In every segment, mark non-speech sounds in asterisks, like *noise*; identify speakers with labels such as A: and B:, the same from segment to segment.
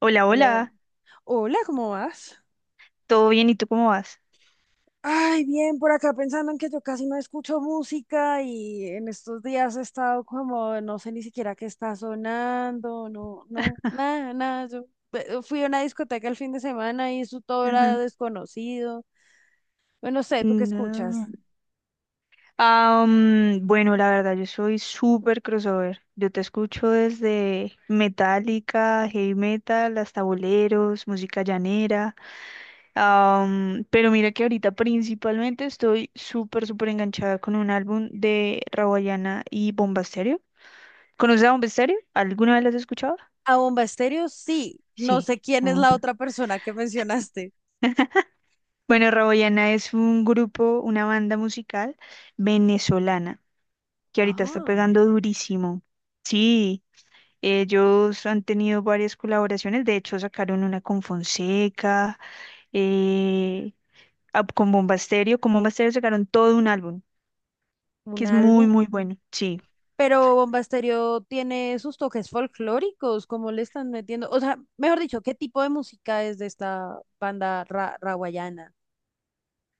A: Hola,
B: Hola,
A: hola,
B: hola, ¿cómo vas?
A: ¿todo bien? ¿Y tú cómo vas?
B: Ay, bien, por acá pensando en que yo casi no escucho música y en estos días he estado como, no sé ni siquiera qué está sonando, no, no, nada, nada. Yo fui a una discoteca el fin de semana y eso todo era
A: Ujú.
B: desconocido. Bueno, no sé, ¿tú qué
A: No.
B: escuchas?
A: Ah, bueno, la verdad, yo soy súper crossover. Yo te escucho desde Metallica, heavy metal, hasta boleros, música llanera. Ah, pero mira que ahorita principalmente estoy súper, súper enganchada con un álbum de Rawayana y Bomba Estéreo. ¿Conoces a Bomba Estéreo? ¿Alguna vez las has escuchado?
B: A Bomba Estéreo, sí. No
A: Sí.
B: sé quién es
A: Mm.
B: la otra persona que mencionaste.
A: Bueno, Rawayana es un grupo, una banda musical venezolana que ahorita está
B: Ah,
A: pegando durísimo. Sí, ellos han tenido varias colaboraciones, de hecho sacaron una con Fonseca, eh, con Bomba Estéreo, sacaron todo un álbum, que
B: un
A: es muy,
B: álbum.
A: muy bueno, sí.
B: Pero Bomba Estéreo tiene sus toques folclóricos, ¿cómo le están metiendo? O sea, mejor dicho, ¿qué tipo de música es de esta banda ra rawayana?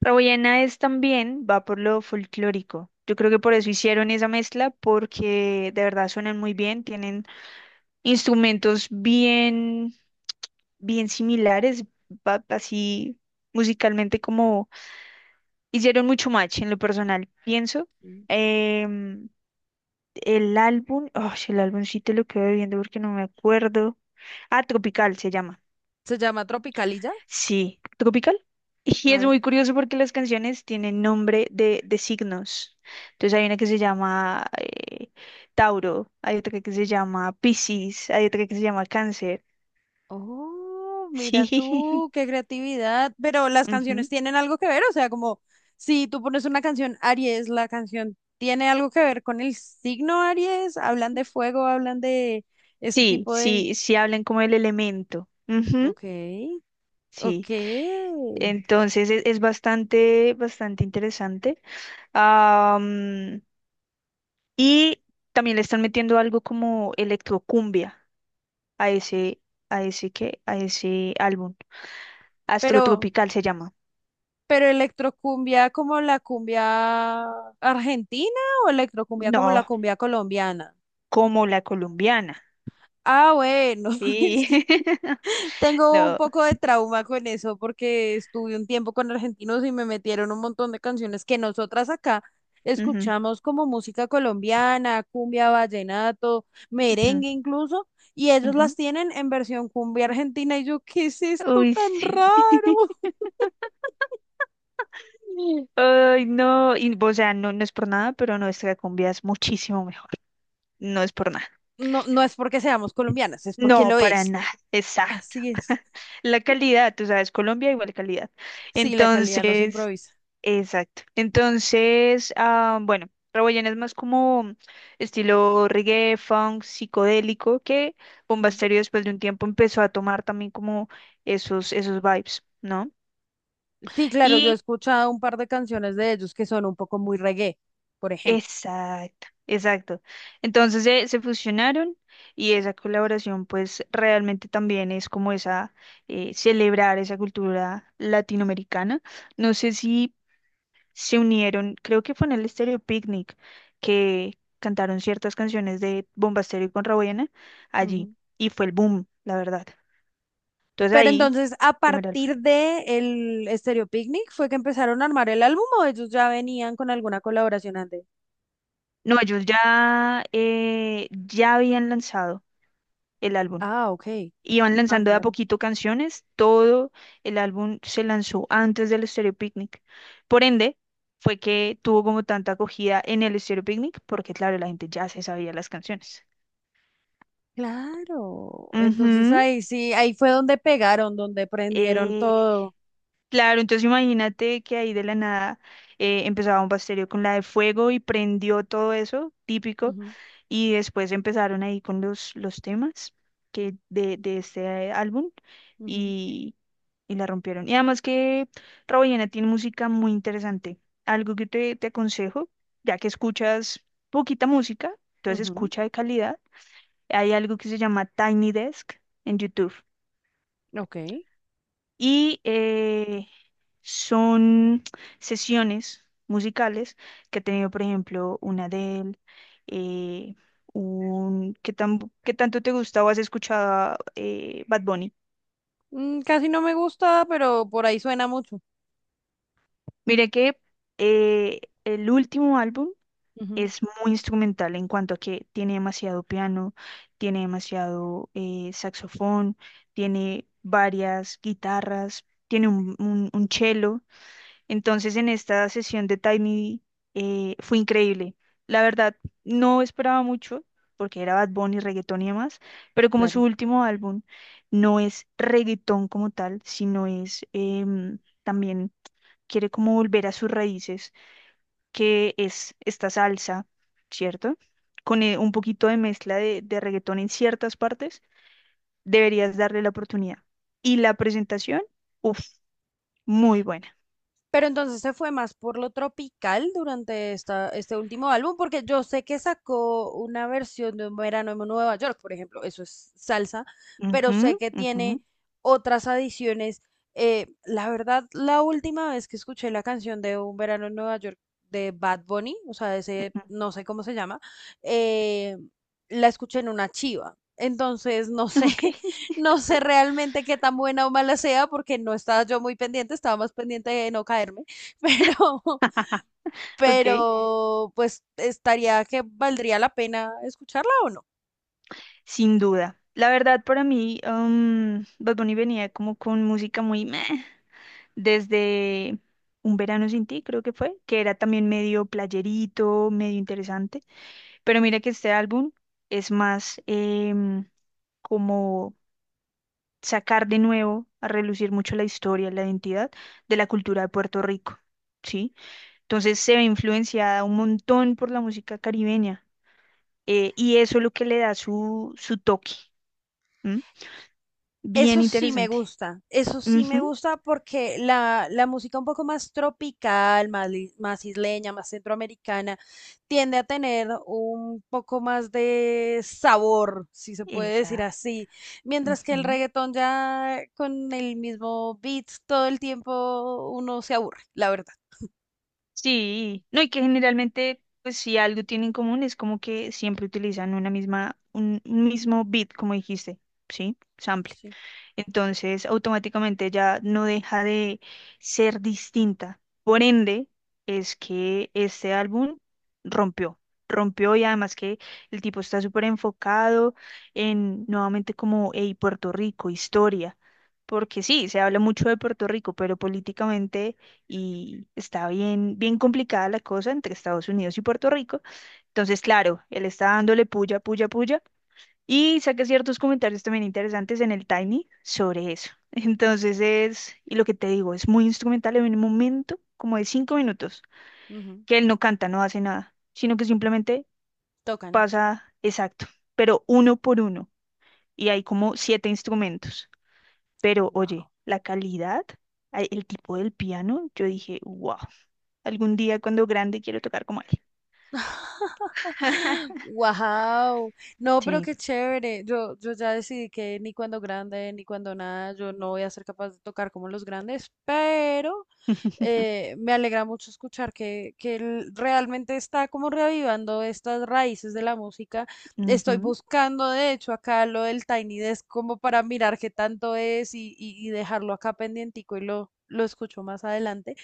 A: Raboyena es también, va por lo folclórico. Yo creo que por eso hicieron esa mezcla, porque de verdad suenan muy bien, tienen instrumentos bien, bien similares, así musicalmente como hicieron mucho match en lo personal, pienso.
B: Mm.
A: Em, el álbum, sí te lo quedo viendo porque no me acuerdo. Ah, Tropical se llama.
B: ¿Se llama Tropicalilla?
A: Sí, Tropical. Y
B: A
A: es
B: ver.
A: muy curioso porque las canciones tienen nombre de signos. Entonces hay una que se llama Tauro, hay otra que se llama Piscis, hay otra que se llama Cáncer.
B: Oh,
A: Sí,
B: mira tú, qué creatividad. Pero las
A: *laughs*
B: canciones
A: ujú.
B: tienen algo que ver, o sea, como si tú pones una canción Aries, la canción tiene algo que ver con el signo Aries, hablan de fuego, hablan de este
A: Sí,
B: tipo de...
A: sí, sí hablan como el elemento.
B: Ok, ok.
A: Sí. Entonces es bastante, bastante interesante. Am, y también le están metiendo algo como electrocumbia a ese, a ese álbum. Astro
B: Pero...
A: Tropical se llama.
B: Pero electrocumbia como la cumbia argentina o electrocumbia como la
A: No,
B: cumbia colombiana.
A: como la colombiana.
B: Ah, bueno, *laughs* es
A: Sí.
B: que
A: *laughs*
B: tengo un
A: No.
B: poco de trauma con eso porque estuve un tiempo con argentinos y me metieron un montón de canciones que nosotras acá
A: Ujú,
B: escuchamos como música colombiana, cumbia, vallenato,
A: ujú,
B: merengue incluso, y ellos
A: ujú.
B: las tienen en versión cumbia argentina y yo, ¿qué es esto
A: Uy,
B: tan
A: sí. *laughs*
B: raro? *laughs*
A: Ay, no. Y, o sea, no, no es por nada, pero nuestra cumbia es muchísimo mejor. No es por nada.
B: No, no es porque seamos colombianas, es porque
A: No,
B: lo
A: para
B: es.
A: nada, exacto.
B: Así es.
A: La calidad, tú sabes, Colombia igual calidad.
B: Sí, la calidad no se
A: Entonces,
B: improvisa.
A: exacto. Entonces, bueno, Rawayana es más como estilo reggae, funk, psicodélico, que Bomba
B: Mm.
A: Estéreo después de un tiempo empezó a tomar también como esos vibes, ¿no?
B: Sí, claro, yo he
A: Y
B: escuchado un par de canciones de ellos que son un poco muy reggae, por ejemplo.
A: Exacto, exacto. Entonces se fusionaron y esa colaboración pues realmente también es como celebrar esa cultura latinoamericana. No sé si se unieron, creo que fue en el Estéreo Picnic que cantaron ciertas canciones de Bomba Bombasterio y Contrabuena allí
B: Ujú.
A: y fue el boom, la verdad. Entonces
B: Pero
A: ahí,
B: entonces, a
A: primer álbum.
B: partir de el Stereo Picnic, ¿fue que empezaron a armar el álbum o ellos ya venían con alguna colaboración antes?
A: No, ellos ya habían lanzado el álbum.
B: Ah, ok.
A: Iban
B: Ah,
A: lanzando de a
B: claro.
A: poquito canciones, todo el álbum se lanzó antes del Stereo Picnic. Por ende, fue que tuvo como tanta acogida en el Stereo Picnic, porque claro, la gente ya se sabía las canciones.
B: Claro. Entonces
A: Ujú.
B: ahí sí, ahí fue donde pegaron, donde prendieron
A: Eh,
B: todo.
A: claro, entonces imagínate que ahí de la nada empezaba un pastelio con la de fuego y prendió todo eso, típico,
B: Ujú,
A: y después empezaron ahí con los temas que de este álbum.
B: ujú,
A: Y, y la rompieron. Y además que Rawayana tiene música muy interesante. Algo que te aconsejo, ya que escuchas poquita música, entonces
B: ujú.
A: escucha de calidad. Hay algo que se llama Tiny Desk en YouTube.
B: Ok.
A: Y son sesiones musicales que ha tenido, por ejemplo, una Adele, eh, ¿qué tanto te gusta o has escuchado Bad Bunny?
B: Mm, casi no me gusta, pero por ahí suena mucho.
A: Mire que el último álbum
B: Ujú,
A: es muy instrumental en cuanto a que tiene demasiado piano, tiene demasiado saxofón, tiene varias guitarras, tiene un cello. Entonces en esta sesión de Tiny fue increíble. La verdad, no esperaba mucho porque era Bad Bunny, reggaetón y demás, pero como su
B: claro.
A: último álbum no es reggaetón como tal, sino es también quiere como volver a sus raíces que es esta salsa, ¿cierto? Con un poquito de mezcla de reggaetón en ciertas partes, deberías darle la oportunidad. Y la presentación, uff, muy buena.
B: Pero entonces se fue más por lo tropical durante esta, este último álbum, porque yo sé que sacó una versión de Un verano en Nueva York, por ejemplo, eso es salsa, pero
A: Ujú,
B: sé que
A: ujú,
B: tiene otras adiciones. La verdad, la última vez que escuché la canción de Un verano en Nueva York de Bad Bunny, o sea, ese no sé cómo se llama, eh, la escuché en una chiva. Entonces,
A: ujú. Ok, *laughs*
B: no sé realmente qué tan buena o mala sea porque no estaba yo muy pendiente, estaba más pendiente de no caerme, *laughs* pero,
A: ok,
B: pero pues estaría que valdría la pena escucharla o no.
A: sin duda. La verdad, para mí, Bad Bunny venía como con música muy meh, desde Un Verano Sin Ti, creo que fue, que era también medio playerito, medio interesante. Pero mira que este álbum es más como sacar de nuevo a relucir mucho la historia, la identidad de la cultura de Puerto Rico, ¿sí? Entonces se ve influenciada un montón por la música caribeña y eso es lo que le da su toque. ¿M? Bien
B: Eso sí me
A: interesante.
B: gusta, eso sí me
A: Ujú,
B: gusta porque la música un poco más tropical, más, más isleña, más centroamericana, tiende a tener un poco más de sabor, si se puede decir
A: esa.
B: así, mientras que el
A: Ujú.
B: reggaetón ya con el mismo beat todo el tiempo uno se aburre, la verdad.
A: Sí, no, y que generalmente, pues si algo tienen en común es como que siempre utilizan una misma, un mismo beat, como dijiste, ¿sí? Sample.
B: Sí,
A: Entonces, automáticamente ya no deja de ser distinta. Por ende, es que este álbum rompió, rompió y además que el tipo está súper enfocado en nuevamente como, hey, Puerto Rico, historia. Porque sí, se habla mucho de Puerto Rico, pero políticamente y está bien, bien complicada la cosa entre Estados Unidos y Puerto Rico. Entonces, claro, él está dándole puya, puya, puya y saqué ciertos comentarios también interesantes en el Tiny sobre eso. *laughs* Entonces y lo que te digo, es muy instrumental en un momento como de 5 minutos,
B: ujú,
A: que él no canta, no hace nada, sino que simplemente
B: tocan.
A: pasa exacto, pero uno por uno. Y hay como siete instrumentos. Pero oye, la calidad, el tipo del piano, yo dije, wow, algún día cuando grande quiero tocar como él. *laughs*
B: Wow, no, pero
A: Sí.
B: qué chévere. Yo ya decidí que ni cuando grande ni cuando nada, yo no voy a ser capaz de tocar como los grandes, pero
A: *laughs*
B: me alegra mucho escuchar que él realmente está como reavivando estas raíces de la música. Estoy
A: Ujú,
B: buscando, de hecho, acá lo del Tiny Desk como para mirar qué tanto es y dejarlo acá pendientico y lo escucho más adelante.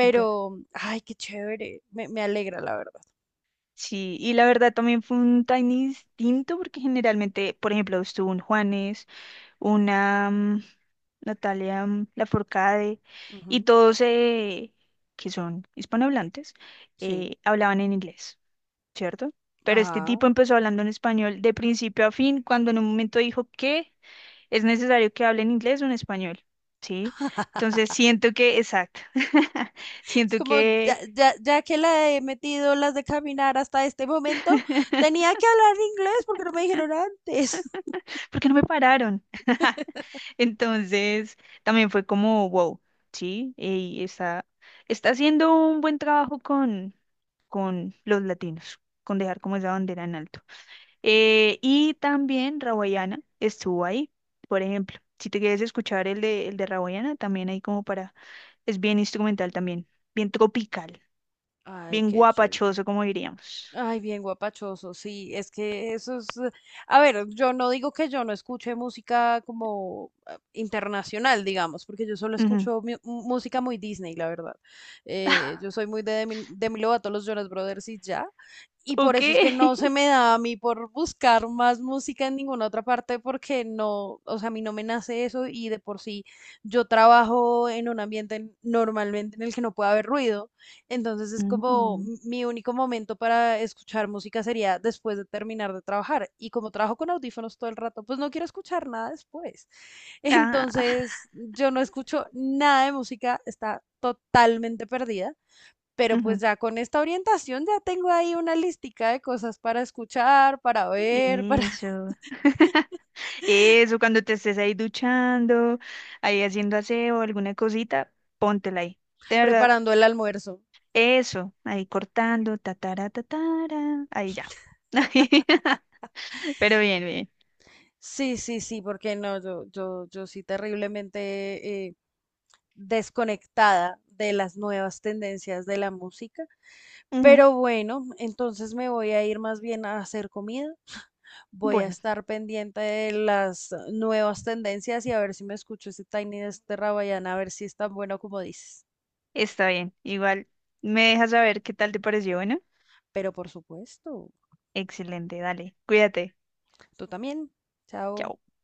A: súper.
B: ay, qué chévere. Me alegra, la verdad.
A: Sí, y la verdad también fue un tiny distinto porque generalmente, por ejemplo, estuvo un Juanes, una Natalia Lafourcade y
B: Ujú.
A: todos que son hispanohablantes
B: Sí.
A: hablaban en inglés, ¿cierto? Pero este
B: Ajá.
A: tipo empezó hablando en español de principio a fin cuando en un momento dijo que es necesario que hable en inglés o en español, ¿sí? Entonces
B: *laughs*
A: siento que, exacto, *laughs*
B: Es
A: siento
B: como,
A: que,
B: ya que la he metido las de caminar hasta este momento,
A: *laughs*
B: tenía que hablar inglés porque no me dijeron antes.
A: ¿por qué no me pararon? *laughs*
B: *laughs*
A: Entonces, también fue como, wow, sí, y está haciendo un buen trabajo con los latinos, con dejar como esa bandera en alto. Y también Rawayana estuvo ahí, por ejemplo. Si te quieres escuchar el de Rawayana, también hay como para, es bien instrumental también, bien tropical,
B: Ay,
A: bien
B: qué chévere.
A: guapachoso, como diríamos.
B: Ay, bien guapachoso, sí, es que eso es, a ver, yo no digo que yo no escuche música como internacional, digamos, porque yo solo
A: Ujú.
B: escucho música muy Disney, la verdad. Yo soy muy de Demi Lovato, los Jonas Brothers y ya, y por
A: Ok.
B: eso es que
A: *laughs*
B: no se me da a mí por buscar más música en ninguna otra parte, porque no, o sea, a mí no me nace eso y de por sí yo trabajo en un ambiente normalmente en el que no puede haber ruido. Entonces es como
A: Ujú.
B: mi único momento para escuchar música sería después de terminar de trabajar. Y como trabajo con audífonos todo el rato, pues no quiero escuchar nada después. *laughs*
A: Ah,
B: Entonces yo no escucho nada de música, está totalmente perdida. Pero pues
A: ujú.
B: ya con esta orientación ya tengo ahí una listica de cosas para escuchar, para ver, para *laughs*
A: Eso. *laughs* Eso, cuando te estés ahí duchando, ahí haciendo aseo, alguna cosita, póntela ahí. De verdad,
B: preparando el almuerzo.
A: eso, ahí cortando, tatara, tatara, ahí ya. *laughs* Ahí, *laughs* pero bien, bien.
B: Sí, sí, sí, porque no, yo sí terriblemente desconectada de las nuevas tendencias de la música.
A: Ujú,
B: Pero bueno, entonces me voy a ir más bien a hacer comida. Voy a
A: bueno,
B: estar pendiente de las nuevas tendencias y a ver si me escucho ese Tiny de este Rabayana, a ver si es tan bueno como dices.
A: está bien. Igual me dejas saber qué tal te pareció. Bueno,
B: Pero por supuesto,
A: excelente, dale, cuídate.
B: tú también. Chao.
A: Chao.